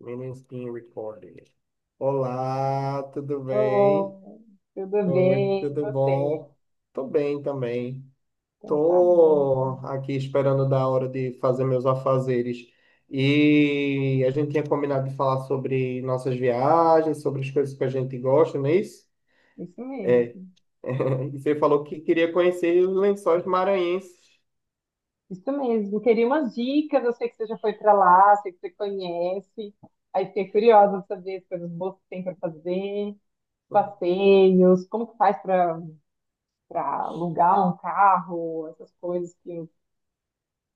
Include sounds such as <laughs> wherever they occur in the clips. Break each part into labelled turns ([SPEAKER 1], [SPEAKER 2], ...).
[SPEAKER 1] Meetings being recorded. Olá, tudo bem?
[SPEAKER 2] Oh, tudo
[SPEAKER 1] Oi,
[SPEAKER 2] bem, e
[SPEAKER 1] tudo
[SPEAKER 2] você?
[SPEAKER 1] bom? Tô bem também.
[SPEAKER 2] Então tá bom.
[SPEAKER 1] Tô aqui esperando da hora de fazer meus afazeres. E a gente tinha combinado de falar sobre nossas viagens, sobre as coisas que a gente gosta, não é isso?
[SPEAKER 2] Isso
[SPEAKER 1] É.
[SPEAKER 2] mesmo.
[SPEAKER 1] <laughs> E você falou que queria conhecer os lençóis maranhenses.
[SPEAKER 2] Isso mesmo. Queria umas dicas. Eu sei que você já foi pra lá, sei que você conhece. Aí fiquei curiosa de saber as coisas boas que tem para fazer, passeios, como que faz para alugar um carro, essas coisas que eu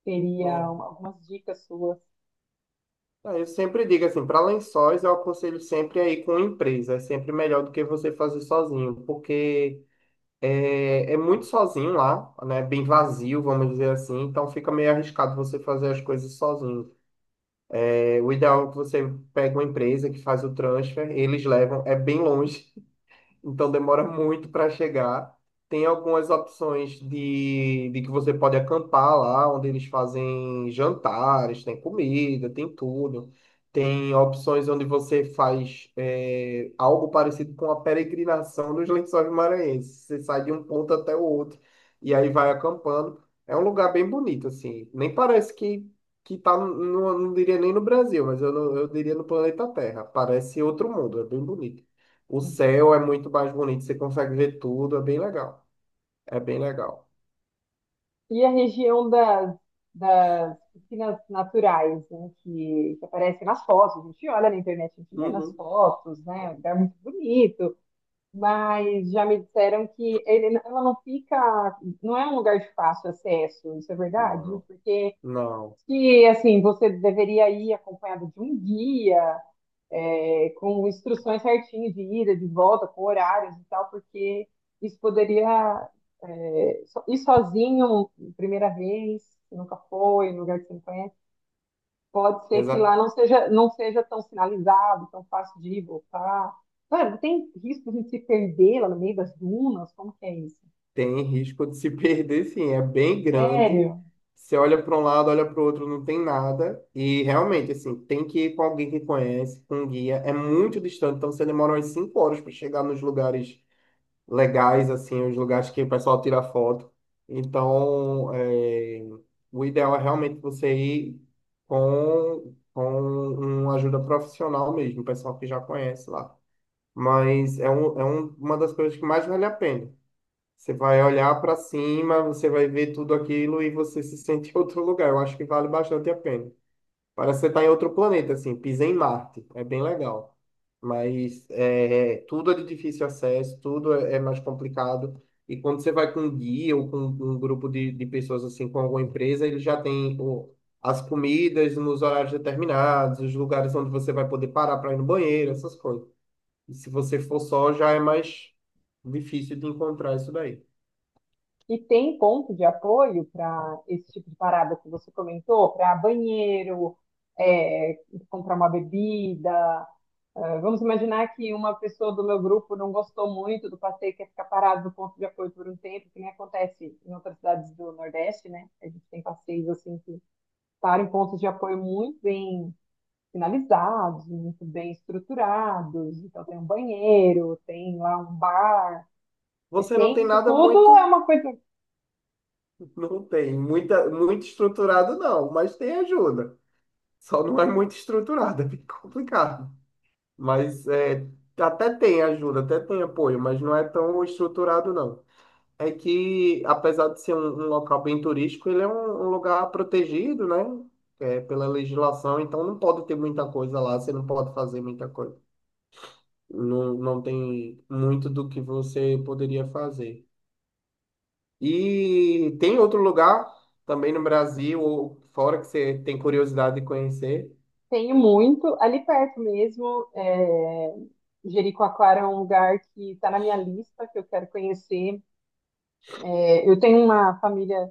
[SPEAKER 2] teria
[SPEAKER 1] É.
[SPEAKER 2] algumas dicas suas.
[SPEAKER 1] Eu sempre digo assim, para lençóis eu aconselho sempre a ir com empresa, é sempre melhor do que você fazer sozinho, porque é muito sozinho lá, né? Bem vazio, vamos dizer assim. Então fica meio arriscado você fazer as coisas sozinho. O ideal é que você pegue uma empresa que faz o transfer, eles levam. É bem longe, então demora muito para chegar. Tem algumas opções de que você pode acampar lá, onde eles fazem jantares, tem comida, tem tudo. Tem opções onde você faz algo parecido com a peregrinação dos Lençóis Maranhenses. Você sai de um ponto até o outro e aí vai acampando. É um lugar bem bonito, assim. Nem parece que tá, não diria nem no Brasil, mas eu diria no planeta Terra. Parece outro mundo, é bem bonito. O céu é muito mais bonito, você consegue ver tudo, é bem legal. É bem legal.
[SPEAKER 2] E a região das piscinas naturais, né, que aparecem nas fotos, a gente olha na internet, a gente vê nas
[SPEAKER 1] Uhum.
[SPEAKER 2] fotos, né, é um lugar muito bonito, mas já me disseram que ela não fica, não é um lugar de fácil acesso, isso é verdade?
[SPEAKER 1] Não,
[SPEAKER 2] Porque
[SPEAKER 1] não.
[SPEAKER 2] se, assim, você deveria ir acompanhado de um guia, com instruções certinhas de ida, de volta, com horários e tal, porque isso poderia ir sozinho, primeira vez, que nunca foi, em lugar que você não conhece. Pode ser que lá
[SPEAKER 1] Exa-
[SPEAKER 2] não seja tão sinalizado, tão fácil de ir e voltar. Mano, tem risco de se perder lá no meio das dunas? Como que é isso?
[SPEAKER 1] Tem risco de se <laughs> perder, sim. É bem grande.
[SPEAKER 2] Sério?
[SPEAKER 1] Você olha para um lado, olha para o outro, não tem nada. E realmente, assim, tem que ir com alguém que conhece, com um guia. É muito distante, então você demora umas 5 horas para chegar nos lugares legais, assim, os lugares que o pessoal tira foto. Então, é, o ideal é realmente você ir com uma ajuda profissional mesmo, o pessoal que já conhece lá. É uma das coisas que mais vale a pena. Você vai olhar para cima, você vai ver tudo aquilo e você se sente em outro lugar. Eu acho que vale bastante a pena. Parece que você tá em outro planeta, assim, pisa em Marte. É bem legal. Tudo é de difícil acesso, é mais complicado. E quando você vai com um guia ou com um grupo de pessoas, assim, com alguma empresa, ele já tem as comidas nos horários determinados, os lugares onde você vai poder parar para ir no banheiro, essas coisas. E se você for só, já é mais difícil de encontrar isso daí.
[SPEAKER 2] E tem ponto de apoio para esse tipo de parada que você comentou? Para banheiro, é, comprar uma bebida, ah, vamos imaginar que uma pessoa do meu grupo não gostou muito do passeio, quer ficar parado no ponto de apoio por um tempo, que nem acontece em outras cidades do Nordeste, né? A gente tem passeios assim que param em pontos de apoio muito bem finalizados, muito bem estruturados. Então tem um banheiro, tem lá um bar,
[SPEAKER 1] Você não
[SPEAKER 2] tem
[SPEAKER 1] tem
[SPEAKER 2] isso
[SPEAKER 1] nada
[SPEAKER 2] tudo, é
[SPEAKER 1] muito,
[SPEAKER 2] uma coisa que
[SPEAKER 1] Não tem muito estruturado, não, mas tem ajuda. Só não é muito estruturada, <laughs> é bem complicado. Mas é, até tem ajuda, até tem apoio, mas não é tão estruturado, não. É que, apesar de ser um local bem turístico, um lugar protegido, né? Pela legislação, então não pode ter muita coisa lá, você não pode fazer muita coisa. Não, não tem muito do que você poderia fazer. E tem outro lugar também no Brasil ou fora que você tem curiosidade de conhecer?
[SPEAKER 2] tem muito ali perto mesmo. Jericoacoara é um lugar que está na minha lista, que eu quero conhecer. Eh, Eu tenho uma família A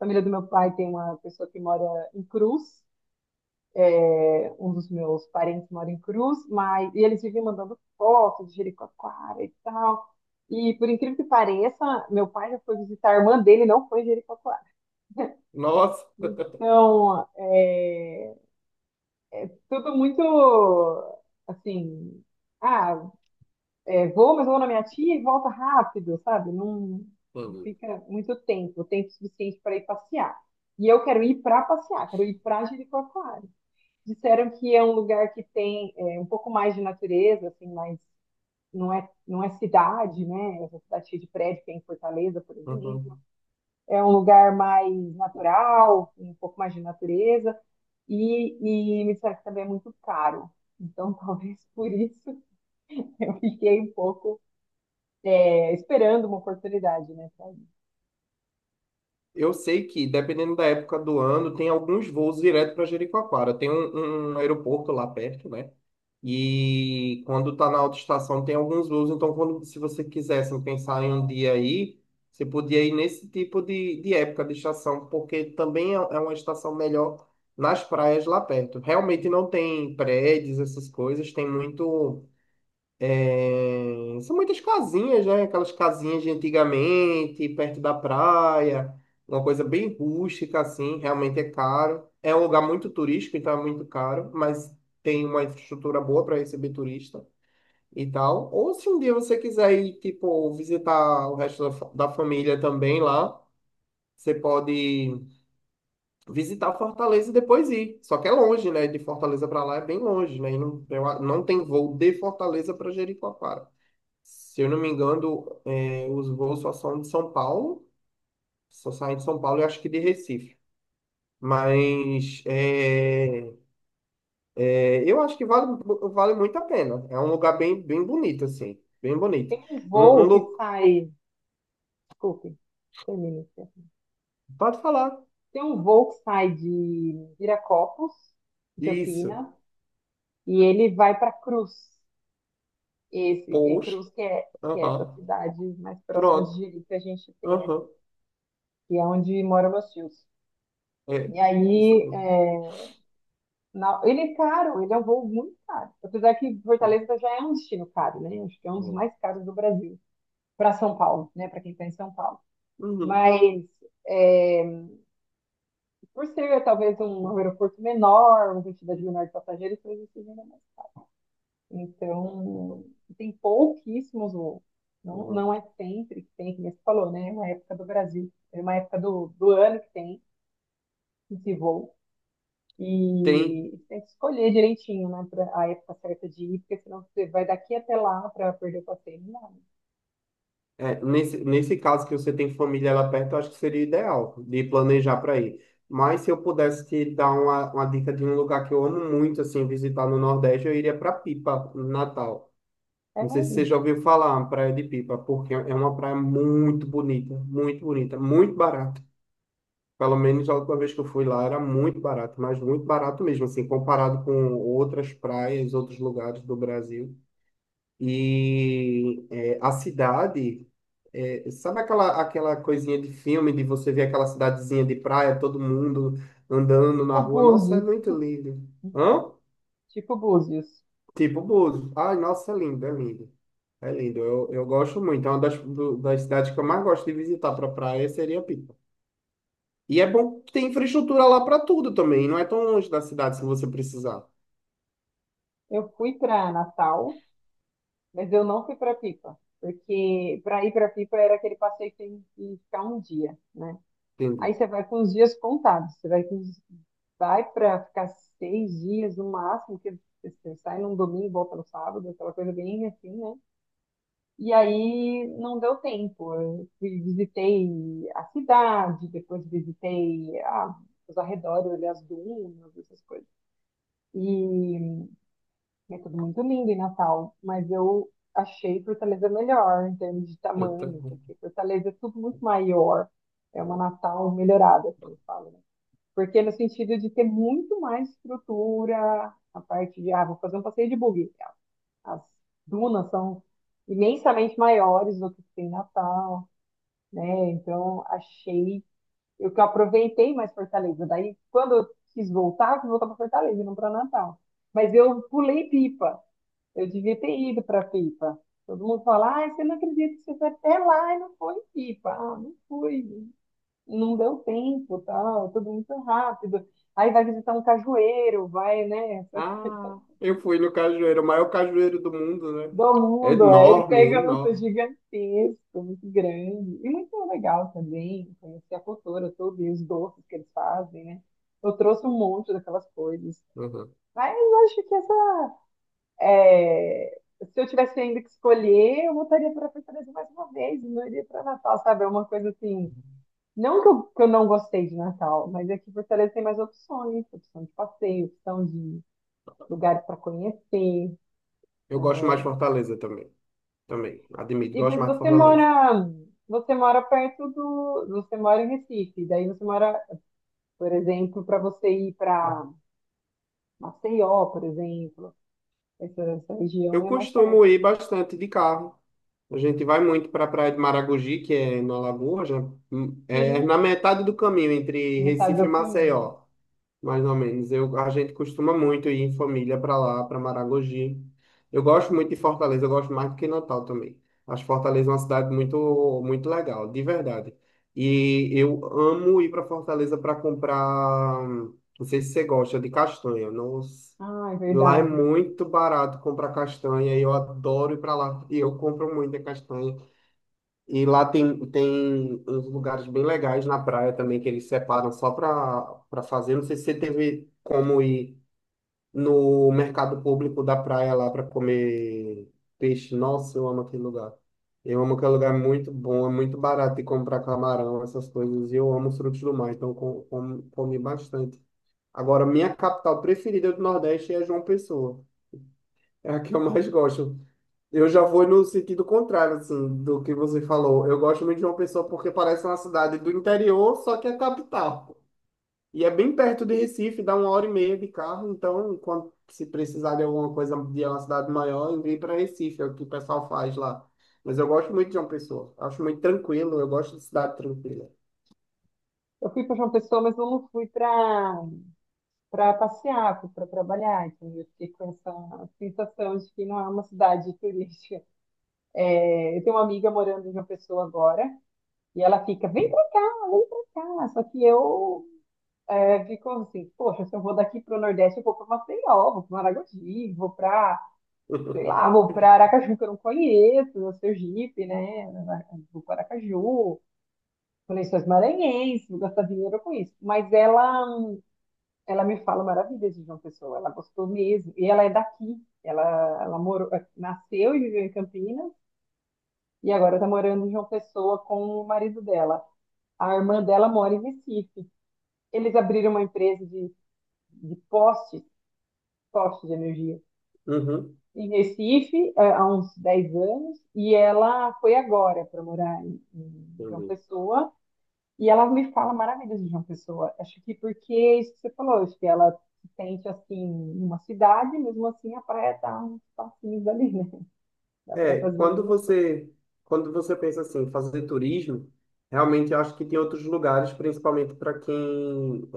[SPEAKER 2] família do meu pai tem uma pessoa que mora em Cruz, um dos meus parentes mora em Cruz, mas e eles vivem mandando fotos de Jericoacoara e tal. E por incrível que pareça, meu pai já foi visitar a irmã dele, não foi em Jericoacoara.
[SPEAKER 1] Nossa!
[SPEAKER 2] Então, tudo muito assim, ah, vou, mas vou na minha tia e volta rápido, sabe? Não fica muito tempo, tempo suficiente para ir passear. E eu quero ir para passear, quero ir para Jericoacoara. Disseram que é um lugar que tem um pouco mais de natureza, assim, mas não é cidade, né? Essa cidade cheia de prédio que é em Fortaleza, por exemplo.
[SPEAKER 1] Uhum.
[SPEAKER 2] É um lugar mais natural, com um pouco mais de natureza, e me disseram que também é muito caro. Então, <laughs> talvez por isso <laughs> eu fiquei um pouco esperando uma oportunidade, né? Pra ir.
[SPEAKER 1] Eu sei que, dependendo da época do ano, tem alguns voos direto para Jericoacoara. Tem um aeroporto lá perto, né? E quando tá na autoestação, tem alguns voos. Então, quando, se você quisesse pensar em um dia aí, você podia ir nesse tipo de época de estação, porque também é uma estação melhor nas praias lá perto. Realmente não tem prédios, essas coisas, tem muito. São muitas casinhas, né? Aquelas casinhas de antigamente, perto da praia, uma coisa bem rústica, assim, realmente é caro. É um lugar muito turístico, então é muito caro, mas tem uma infraestrutura boa para receber turista e tal. Ou se um dia você quiser ir, tipo, visitar o resto da, da família também lá, você pode visitar Fortaleza e depois ir. Só que é longe, né? De Fortaleza para lá é bem longe, né? E não, não tem voo de Fortaleza para Jericoacoara. Se eu não me engano, os voos só são de São Paulo, só saem de São Paulo e acho que de Recife. Mas é, eu acho que vale muito a pena. É um lugar bem, bem bonito, assim. Bem bonito.
[SPEAKER 2] Tem um
[SPEAKER 1] Um, um
[SPEAKER 2] voo que
[SPEAKER 1] lu-
[SPEAKER 2] sai. Desculpe, termina.
[SPEAKER 1] Pode falar.
[SPEAKER 2] Tem um voo que sai de Viracopos, em
[SPEAKER 1] Isso.
[SPEAKER 2] Campinas, e ele vai para Cruz. Esse é
[SPEAKER 1] Poxa.
[SPEAKER 2] Cruz, que é essa
[SPEAKER 1] Aham.
[SPEAKER 2] cidade mais próxima de
[SPEAKER 1] Pronto.
[SPEAKER 2] Jeri que a gente tem
[SPEAKER 1] Aham.
[SPEAKER 2] aqui, que é onde moram meus tios.
[SPEAKER 1] É.
[SPEAKER 2] E
[SPEAKER 1] Isso
[SPEAKER 2] aí,
[SPEAKER 1] mesmo.
[SPEAKER 2] é, ele é caro, ele é um voo muito caro. Apesar que
[SPEAKER 1] É,
[SPEAKER 2] Fortaleza já é um destino caro, né? Acho que é um dos
[SPEAKER 1] é.
[SPEAKER 2] mais caros do Brasil, para São Paulo, né? Para quem está em São Paulo.
[SPEAKER 1] Uhum.
[SPEAKER 2] Mas, é, por ser talvez um aeroporto menor, uma quantidade menor de passageiros, talvez seja. Então, tem pouquíssimos, ou não,
[SPEAKER 1] Uhum.
[SPEAKER 2] não é sempre que tem, como você falou, né? É uma época do Brasil, é uma época do ano que tem esse voo.
[SPEAKER 1] Tem,
[SPEAKER 2] E tem que escolher direitinho, né? Pra a época certa de ir, porque senão você vai daqui até lá para perder o passeio. Não,
[SPEAKER 1] É, nesse caso que você tem família lá perto, eu acho que seria ideal de planejar para ir. Mas se eu pudesse te dar uma dica de um lugar que eu amo muito, assim, visitar no Nordeste, eu iria para Pipa, no Natal.
[SPEAKER 2] é
[SPEAKER 1] Não sei
[SPEAKER 2] mais
[SPEAKER 1] se você
[SPEAKER 2] isso.
[SPEAKER 1] já ouviu falar, Praia de Pipa, porque é uma praia muito bonita, muito bonita, muito barata. Pelo menos a última vez que eu fui lá era muito barato, mas muito barato mesmo, assim, comparado com outras praias, outros lugares do Brasil. E é, a cidade, sabe aquela coisinha de filme de você ver aquela cidadezinha de praia, todo mundo andando na
[SPEAKER 2] O
[SPEAKER 1] rua? Nossa, é
[SPEAKER 2] Búzios,
[SPEAKER 1] muito lindo. Hã?
[SPEAKER 2] tipo Búzios.
[SPEAKER 1] Tipo Búzios. Ai, nossa, é lindo, é lindo. É lindo, eu gosto muito. É uma das cidades que eu mais gosto de visitar para praia seria Pipa. E é bom que tem infraestrutura lá para tudo também, não é tão longe da cidade se você precisar.
[SPEAKER 2] Eu fui para Natal, mas eu não fui para Pipa. Porque para ir para Pipa era aquele passeio que tem que ficar um dia, né? Aí
[SPEAKER 1] Entendi.
[SPEAKER 2] você vai com os dias contados, você vai com os vai para ficar 6 dias no máximo, que você sai num domingo e volta no sábado, aquela coisa bem assim, né? E aí não deu tempo. Eu visitei a cidade, depois visitei os arredores, ali, as dunas, essas coisas. E é tudo muito lindo em Natal, mas eu achei Fortaleza melhor em termos de
[SPEAKER 1] Eu
[SPEAKER 2] tamanho,
[SPEAKER 1] também.
[SPEAKER 2] porque Fortaleza é tudo muito maior. É uma Natal melhorada, assim, fala, né? Porque no sentido de ter muito mais estrutura, a parte de, vou fazer um passeio de buggy. As dunas são imensamente maiores do que tem em Natal, né? Então, achei, eu que aproveitei mais Fortaleza. Daí, quando eu quis voltar para Fortaleza, e não para Natal. Mas eu pulei Pipa. Eu devia ter ido para Pipa. Todo mundo fala, ah, você não acredita que você foi até lá e não foi em Pipa. Ah, não fui, não deu tempo, tal, tudo muito rápido. Aí vai visitar um cajueiro, vai, né, essa coisa
[SPEAKER 1] Ah, eu fui no cajueiro, o maior cajueiro do mundo, né?
[SPEAKER 2] do
[SPEAKER 1] É
[SPEAKER 2] mundo. Ele
[SPEAKER 1] enorme,
[SPEAKER 2] pega um urso
[SPEAKER 1] enorme.
[SPEAKER 2] gigantesco, muito grande. E muito legal também conhecer a cultura toda e os doces que eles fazem, né? Eu trouxe um monte daquelas coisas.
[SPEAKER 1] Uhum.
[SPEAKER 2] Mas eu acho que essa, é, se eu tivesse ainda que escolher, eu voltaria para a Fortaleza mais uma vez, e não iria para Natal, sabe? É uma coisa assim, não que eu, não gostei de Natal, mas aqui em Fortaleza tem mais opções, opção de passeio, opção de lugares para conhecer.
[SPEAKER 1] Eu gosto mais de Fortaleza também. Também, admito,
[SPEAKER 2] E,
[SPEAKER 1] gosto
[SPEAKER 2] mas
[SPEAKER 1] mais de Fortaleza.
[SPEAKER 2] você mora em Recife, por exemplo, para você ir para Maceió, por exemplo, essa
[SPEAKER 1] Eu
[SPEAKER 2] região é mais
[SPEAKER 1] costumo
[SPEAKER 2] perto.
[SPEAKER 1] ir bastante de carro. A gente vai muito para a Praia de Maragogi, que é na Lagoa, já, é
[SPEAKER 2] Sim,
[SPEAKER 1] na metade do caminho entre
[SPEAKER 2] metade
[SPEAKER 1] Recife e
[SPEAKER 2] do caminho.
[SPEAKER 1] Maceió, mais ou menos. A gente costuma muito ir em família para lá, para Maragogi. Eu gosto muito de Fortaleza, eu gosto mais do que Natal também. Acho Fortaleza uma cidade muito, muito legal, de verdade. E eu amo ir para Fortaleza para comprar. Não sei se você gosta de castanha. Nossa.
[SPEAKER 2] Ah, é
[SPEAKER 1] Lá é
[SPEAKER 2] verdade.
[SPEAKER 1] muito barato comprar castanha e eu adoro ir para lá. E eu compro muita castanha. E lá tem uns lugares bem legais na praia também que eles separam só para fazer. Não sei se você teve como ir no mercado público da praia lá para comer peixe. Nossa, eu amo aquele lugar. Eu amo aquele lugar, é muito bom, é muito barato de comprar camarão, essas coisas. E eu amo os frutos do mar, então comi bastante. Agora, minha capital preferida do Nordeste é João Pessoa. É a que eu mais gosto. Eu já vou no sentido contrário, assim, do que você falou. Eu gosto muito de uma Pessoa porque parece uma cidade do interior, só que é capital. E é bem perto de Recife, dá 1 hora e meia de carro. Então, quando se precisar de alguma coisa de uma cidade maior, eu para Recife, é o que o pessoal faz lá. Mas eu gosto muito de uma Pessoa. Acho muito tranquilo, eu gosto de cidade tranquila.
[SPEAKER 2] Eu fui para João Pessoa, mas eu não fui para passear, para trabalhar. Então eu fiquei com essa sensação de que não é uma cidade turística. É, eu tenho uma amiga morando em uma pessoa agora e ela fica, vem para cá, vem para cá. Só que eu fico assim, poxa, se eu vou daqui para o Nordeste, eu vou para Maceió, vou para Maragogi, vou para, sei lá,
[SPEAKER 1] <laughs>
[SPEAKER 2] vou para Aracaju, que eu não conheço, o Sergipe, né? Vou para Aracaju conexões maranhenses, vou gastar dinheiro com isso. Ela me fala maravilhas de João Pessoa, ela gostou mesmo. E ela é daqui, ela morou, nasceu e viveu em Campinas, e agora está morando em João Pessoa com o marido dela. A irmã dela mora em Recife. Eles abriram uma empresa de, postes, postes de energia,
[SPEAKER 1] Uhum.
[SPEAKER 2] em Recife há uns 10 anos, e ela foi agora para morar em João
[SPEAKER 1] Entendi.
[SPEAKER 2] Pessoa, e ela me fala maravilhas de João Pessoa. Acho que porque é isso que você falou, acho que ela se sente assim numa cidade, mesmo assim a praia tá uns passinhos ali, né? <laughs> Dá para
[SPEAKER 1] É,
[SPEAKER 2] fazer as duas coisas.
[SPEAKER 1] quando você pensa assim, fazer turismo, realmente eu acho que tem outros lugares, principalmente para quem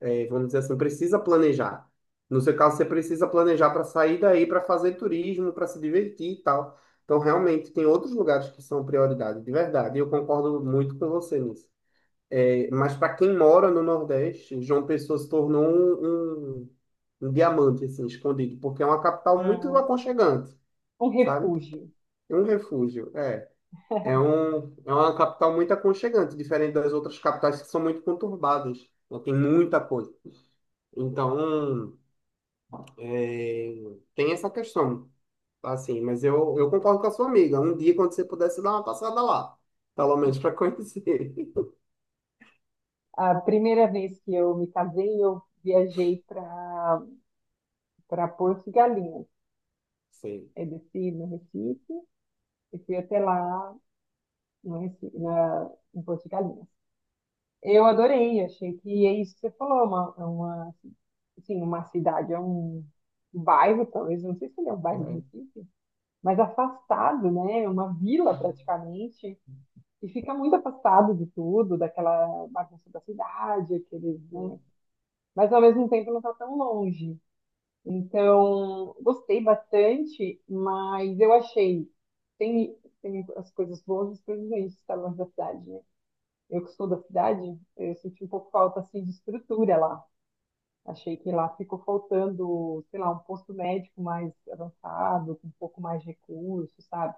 [SPEAKER 1] vamos dizer assim, precisa planejar. No seu caso, você precisa planejar para sair daí, para fazer turismo, para se divertir e tal. Então, realmente, tem outros lugares que são prioridade, de verdade. E eu concordo muito com você nisso. É, mas para quem mora no Nordeste, João Pessoa se tornou um diamante, assim, escondido, porque é uma capital muito
[SPEAKER 2] Ah,
[SPEAKER 1] aconchegante,
[SPEAKER 2] um
[SPEAKER 1] sabe?
[SPEAKER 2] refúgio.
[SPEAKER 1] É um refúgio, é. É uma capital muito aconchegante, diferente das outras capitais que são muito conturbadas, né? Tem muita coisa. Então, É, tem essa questão, tá? Assim, mas eu concordo com a sua amiga. Um dia, quando você pudesse dar uma passada lá, pelo menos para conhecer.
[SPEAKER 2] A primeira vez que eu me casei, eu viajei para Porto de Galinhas.
[SPEAKER 1] <laughs> Sim.
[SPEAKER 2] Eu desci no Recife e fui até lá no Recife, em Porto de Galinhas. Eu adorei, achei que é isso que você falou, é uma, assim, uma cidade, é um bairro, talvez, não sei se ele é um bairro de
[SPEAKER 1] É.
[SPEAKER 2] Recife, mas afastado, né? É uma vila praticamente, e fica muito afastado de tudo, daquela bagunça da cidade, aqueles, né? Mas ao mesmo tempo não está tão longe. Então, gostei bastante, mas eu achei, tem, tem as coisas boas e as coisas ruins de estar longe da cidade, né? Eu que sou da cidade, eu senti um pouco falta assim de estrutura lá. Achei que lá ficou faltando, sei lá, um posto médico mais avançado, com um pouco mais de recurso, sabe?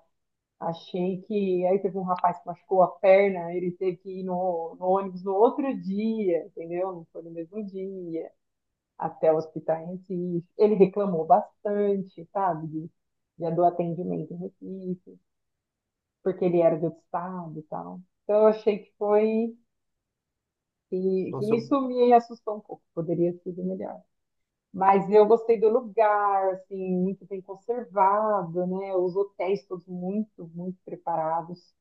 [SPEAKER 2] Achei que aí teve um rapaz que machucou a perna, ele teve que ir no ônibus no outro dia, entendeu? Não foi no mesmo dia, até o hospital em Recife. Ele reclamou bastante, sabe? Já do atendimento em Recife, porque ele era de outro estado e tal. Então eu achei que foi. E
[SPEAKER 1] Nossa,
[SPEAKER 2] e
[SPEAKER 1] eu,
[SPEAKER 2] isso me assustou um pouco, poderia ter sido melhor. Mas eu gostei do lugar, assim, muito bem conservado, né? Os hotéis todos muito, muito preparados.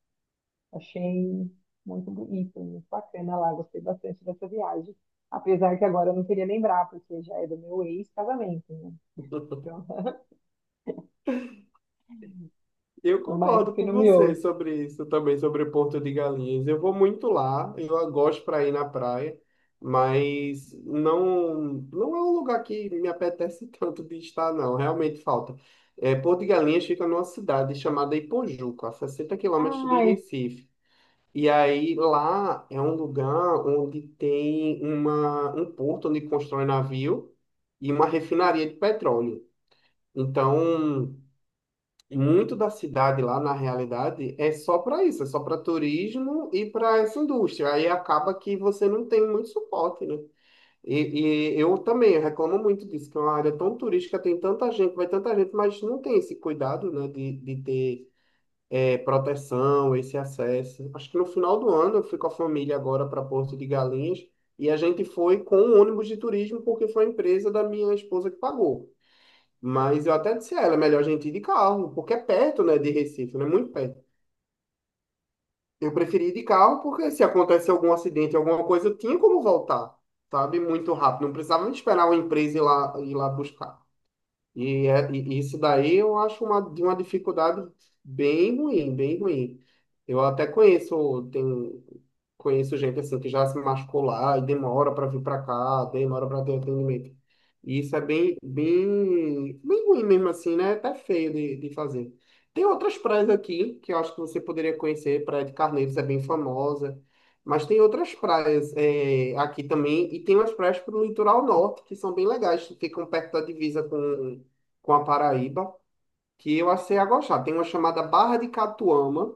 [SPEAKER 2] Achei muito bonito, muito bacana lá, gostei bastante dessa viagem. Apesar que agora eu não queria lembrar, porque já é do meu ex-casamento, né? Então,
[SPEAKER 1] <laughs> eu
[SPEAKER 2] <laughs> meu marido
[SPEAKER 1] concordo
[SPEAKER 2] que
[SPEAKER 1] com você
[SPEAKER 2] nomeou.
[SPEAKER 1] sobre isso também, sobre Porto de Galinhas. Eu vou muito lá, eu gosto para ir na praia, mas não é um lugar que me apetece <laughs> tanto de estar, não. Realmente falta. É, Porto de Galinhas fica numa cidade chamada Ipojuca, a 60 quilômetros de
[SPEAKER 2] Ai,
[SPEAKER 1] Recife. E aí lá é um lugar onde tem um porto onde constrói navio e uma refinaria de petróleo. Então, muito da cidade lá, na realidade, é só para isso, é só para turismo e para essa indústria. Aí acaba que você não tem muito suporte, né? E eu também reclamo muito disso, que é uma área tão turística, tem tanta gente, vai tanta gente, mas não tem esse cuidado, né, de ter proteção, esse acesso. Acho que no final do ano eu fui com a família agora para Porto de Galinhas e a gente foi com um ônibus de turismo porque foi a empresa da minha esposa que pagou. Mas eu até disse a ela, é melhor a gente ir de carro, porque é perto, né, de Recife, né, muito perto. Eu preferi ir de carro porque se acontece algum acidente, alguma coisa, eu tinha como voltar, sabe, muito rápido. Não precisava esperar uma empresa ir lá buscar. E isso daí eu acho uma, de uma dificuldade bem ruim, bem ruim. Eu até conheço, tem, conheço gente assim que já se machucou lá e demora para vir para cá, demora para ter atendimento. E isso é bem, bem, bem ruim mesmo assim, né? É Até feio de fazer. Tem outras praias aqui que eu acho que você poderia conhecer. Praia de Carneiros é bem famosa. Mas tem outras praias é, aqui também. E tem umas praias para o litoral norte que são bem legais, que ficam perto da divisa com a Paraíba, que eu achei a gostar. Tem uma chamada Barra de Catuama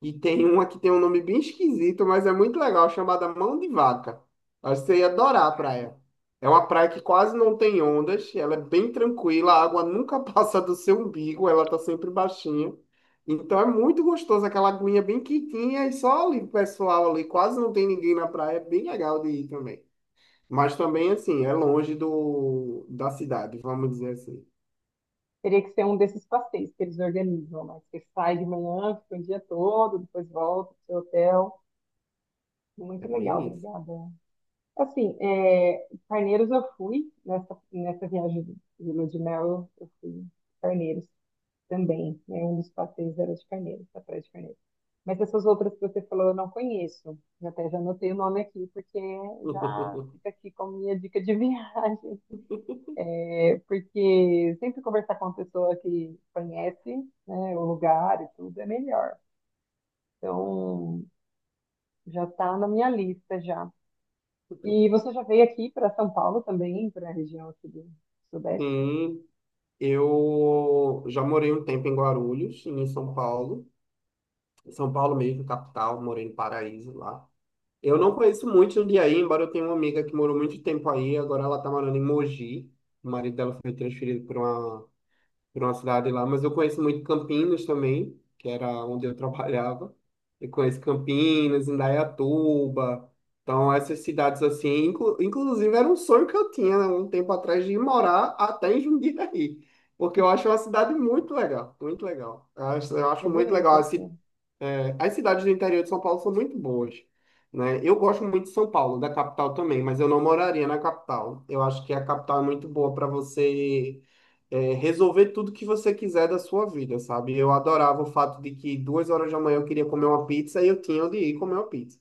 [SPEAKER 1] e tem uma que tem um nome bem esquisito, mas é muito legal, chamada Mão de Vaca. Acho que você ia adorar a praia. É uma praia que quase não tem ondas, ela é bem tranquila, a água <laughs> nunca passa do seu umbigo, ela tá sempre baixinha. Então é muito gostoso, aquela aguinha bem quietinha e só ali o pessoal ali, quase não tem ninguém na praia, é bem legal de ir também. Mas também, assim, é longe do, da cidade, vamos dizer assim.
[SPEAKER 2] teria que ser um desses passeios que eles organizam, né? Você sai de manhã, fica o dia todo, depois volta pro seu hotel. Muito
[SPEAKER 1] É
[SPEAKER 2] legal,
[SPEAKER 1] bem isso.
[SPEAKER 2] obrigada. Assim, Carneiros eu fui, nessa viagem de lua de mel, eu fui em Carneiros também, né? Um dos passeios era de Carneiros, da Praia de Carneiros. Mas essas outras que você falou eu não conheço, eu até já anotei o nome aqui, porque já
[SPEAKER 1] <laughs>
[SPEAKER 2] fica aqui como minha dica de <laughs> viagem. É, porque sempre conversar com uma pessoa que conhece, né, o lugar e tudo é melhor. Então, já está na minha lista já. E você já veio aqui para São Paulo também, para a região aqui do Sudeste?
[SPEAKER 1] Sim, eu já morei um tempo em Guarulhos, em São Paulo. São Paulo mesmo, capital, morei no Paraíso lá. Eu não conheço muito Jundiaí, embora eu tenha uma amiga que morou muito tempo aí, agora ela está morando em Mogi. O marido dela foi transferido para uma por uma cidade lá, mas eu conheço muito Campinas também, que era onde eu <laughs> trabalhava. Eu conheço Campinas, Indaiatuba. Então, essas cidades assim, inclusive era um sonho que eu tinha, né, um tempo atrás de ir morar até em Jundiaí, porque eu acho uma cidade muito legal, muito legal. Eu acho
[SPEAKER 2] É
[SPEAKER 1] muito
[SPEAKER 2] bonito
[SPEAKER 1] legal.
[SPEAKER 2] aqui.
[SPEAKER 1] Assim, é, as cidades do interior de São Paulo são muito boas, né? Eu gosto muito de São Paulo, da capital também, mas eu não moraria na capital. Eu acho que a capital é muito boa para você é, resolver tudo que você quiser da sua vida, sabe? Eu adorava o fato de que 2 horas da manhã eu queria comer uma pizza e eu tinha onde ir comer uma pizza,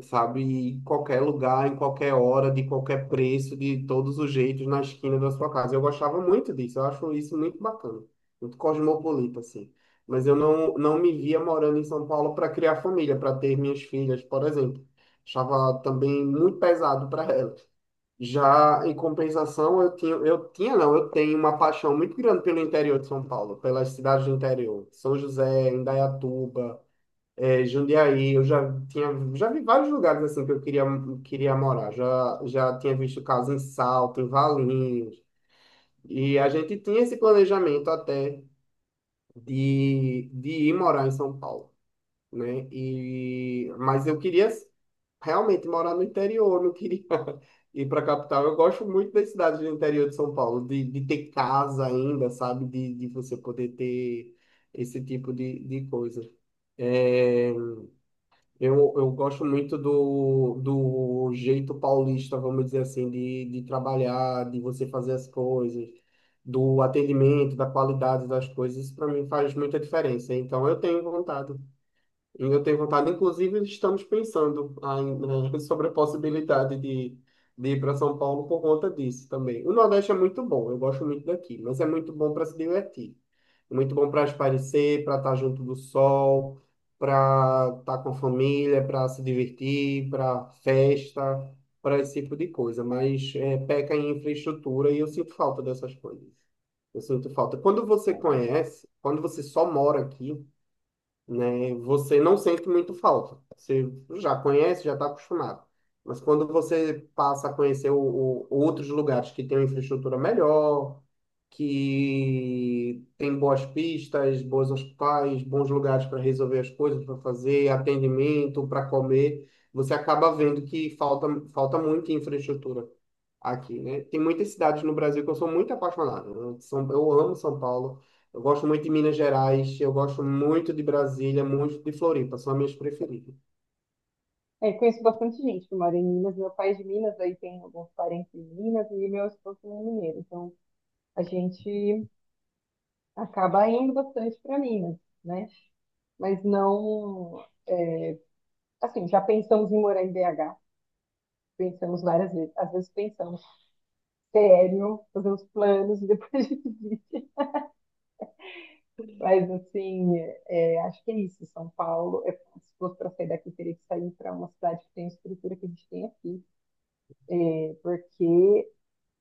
[SPEAKER 1] sabe? Em qualquer lugar, em qualquer hora, de qualquer preço, de todos os jeitos, na esquina da sua casa. Eu gostava muito disso, eu acho isso muito bacana, muito cosmopolita, assim. Mas eu não, não me via morando em São Paulo para criar família, para ter minhas filhas, por exemplo. Achava também muito pesado para elas. Já em compensação, eu tinha, não, eu tenho uma paixão muito grande pelo interior de São Paulo, pelas cidades do interior, São José, Indaiatuba, é, Jundiaí, eu já tinha, já vi vários lugares assim que eu queria, queria morar. Já tinha visto casa em Salto, em Valinhos. E a gente tinha esse planejamento até de ir morar em São Paulo, né? E, mas eu queria realmente morar no interior, não queria <laughs> ir para a capital. Eu gosto muito das cidades do interior de São Paulo, de ter casa ainda, sabe? De você poder ter esse tipo de coisa. É, eu gosto muito do, do jeito paulista, vamos dizer assim, de trabalhar, de você fazer as coisas, do atendimento, da qualidade das coisas. Isso para mim faz muita diferença. Então eu tenho vontade. E eu tenho vontade, inclusive, estamos pensando ainda <laughs> sobre a possibilidade de ir para São Paulo por conta disso também. O Nordeste é muito bom, eu gosto muito daqui, mas é muito bom para se divertir. Muito bom para espairecer, para estar junto do sol, para estar com a família, para se divertir, para festa, para esse tipo de coisa. Mas é, peca em infraestrutura e eu sinto falta dessas coisas. Eu sinto falta. Quando você
[SPEAKER 2] É.
[SPEAKER 1] conhece, quando você só mora aqui, né? Você não sente muito falta. Você já conhece, já está acostumado. Mas quando você passa a conhecer outros lugares que têm uma infraestrutura melhor, que tem boas pistas, bons hospitais, bons lugares para resolver as coisas, para fazer atendimento, para comer, você acaba vendo que falta, falta muita infraestrutura aqui, né? Tem muitas cidades no Brasil que eu sou muito apaixonado. Eu amo São Paulo. Eu gosto muito de Minas Gerais, eu gosto muito de Brasília, muito de Floripa, são as minhas preferidas.
[SPEAKER 2] É, conheço bastante gente que mora em Minas. Meu pai é de Minas, aí tem alguns parentes em Minas e meu esposo é mineiro. Então a gente acaba indo bastante para Minas, né? Mas não, assim, já pensamos em morar em BH. Pensamos várias vezes. Às vezes pensamos, sério, fazemos planos e depois <laughs> a gente desiste. Mas, assim, acho que é isso. São Paulo, se fosse para sair daqui, teria que sair para uma cidade que tem a estrutura que a gente tem aqui. É, porque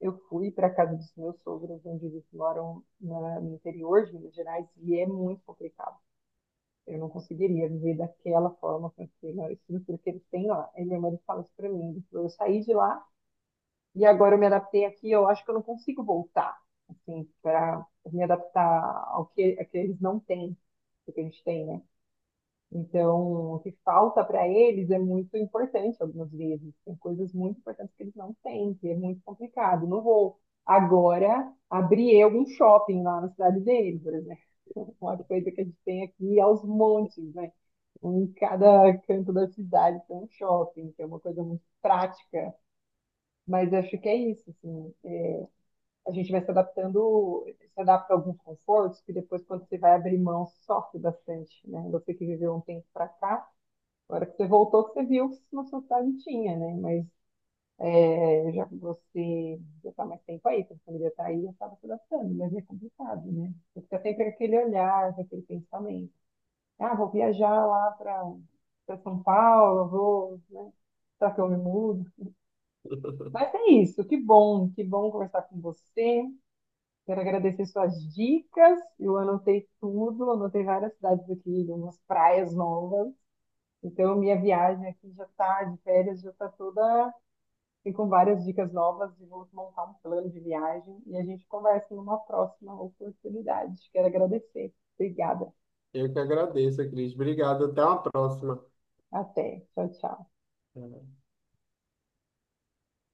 [SPEAKER 2] eu fui para a casa dos meus sogros, onde eles moram no interior de Minas Gerais, e é muito complicado. Eu não conseguiria viver daquela forma com aquela estrutura que eles têm lá. E minha mãe fala isso para mim. Ele falou, eu saí de lá e agora eu me adaptei aqui, eu acho que eu não consigo voltar, assim, para me adaptar ao que, a que eles não têm, o que a gente tem, né? Então, o que falta para eles é muito importante algumas vezes. Tem coisas muito importantes que eles não têm, que é muito complicado. Não vou agora abrir algum shopping lá na cidade dele, por exemplo. <laughs> Uma coisa que a gente tem aqui aos montes, né? Em cada canto da cidade tem um shopping, que é uma coisa muito prática. Mas acho que é isso, assim. A gente vai se adaptando, se adapta a alguns confortos, que depois, quando você vai abrir mão, sofre bastante, né? Você que viveu um tempo para cá, agora que você voltou, que você viu que na sua cidade tinha, né? Mas já que você já está mais tempo aí, sua família está aí, já estava se adaptando, mas é complicado, né? Você fica sempre com aquele olhar, com aquele pensamento. Ah, vou viajar lá para São Paulo, vou, né? Será que eu me mudo? Mas
[SPEAKER 1] <laughs>
[SPEAKER 2] é isso, que bom conversar com você. Quero agradecer suas dicas. Eu anotei tudo, anotei várias cidades aqui, umas praias novas. Então, minha viagem aqui já está de férias, já está toda e com várias dicas novas e vamos montar um plano de viagem e a gente conversa numa próxima oportunidade. Quero agradecer. Obrigada.
[SPEAKER 1] Eu que agradeço, Cris. Obrigado, até uma próxima.
[SPEAKER 2] Até. Tchau, tchau.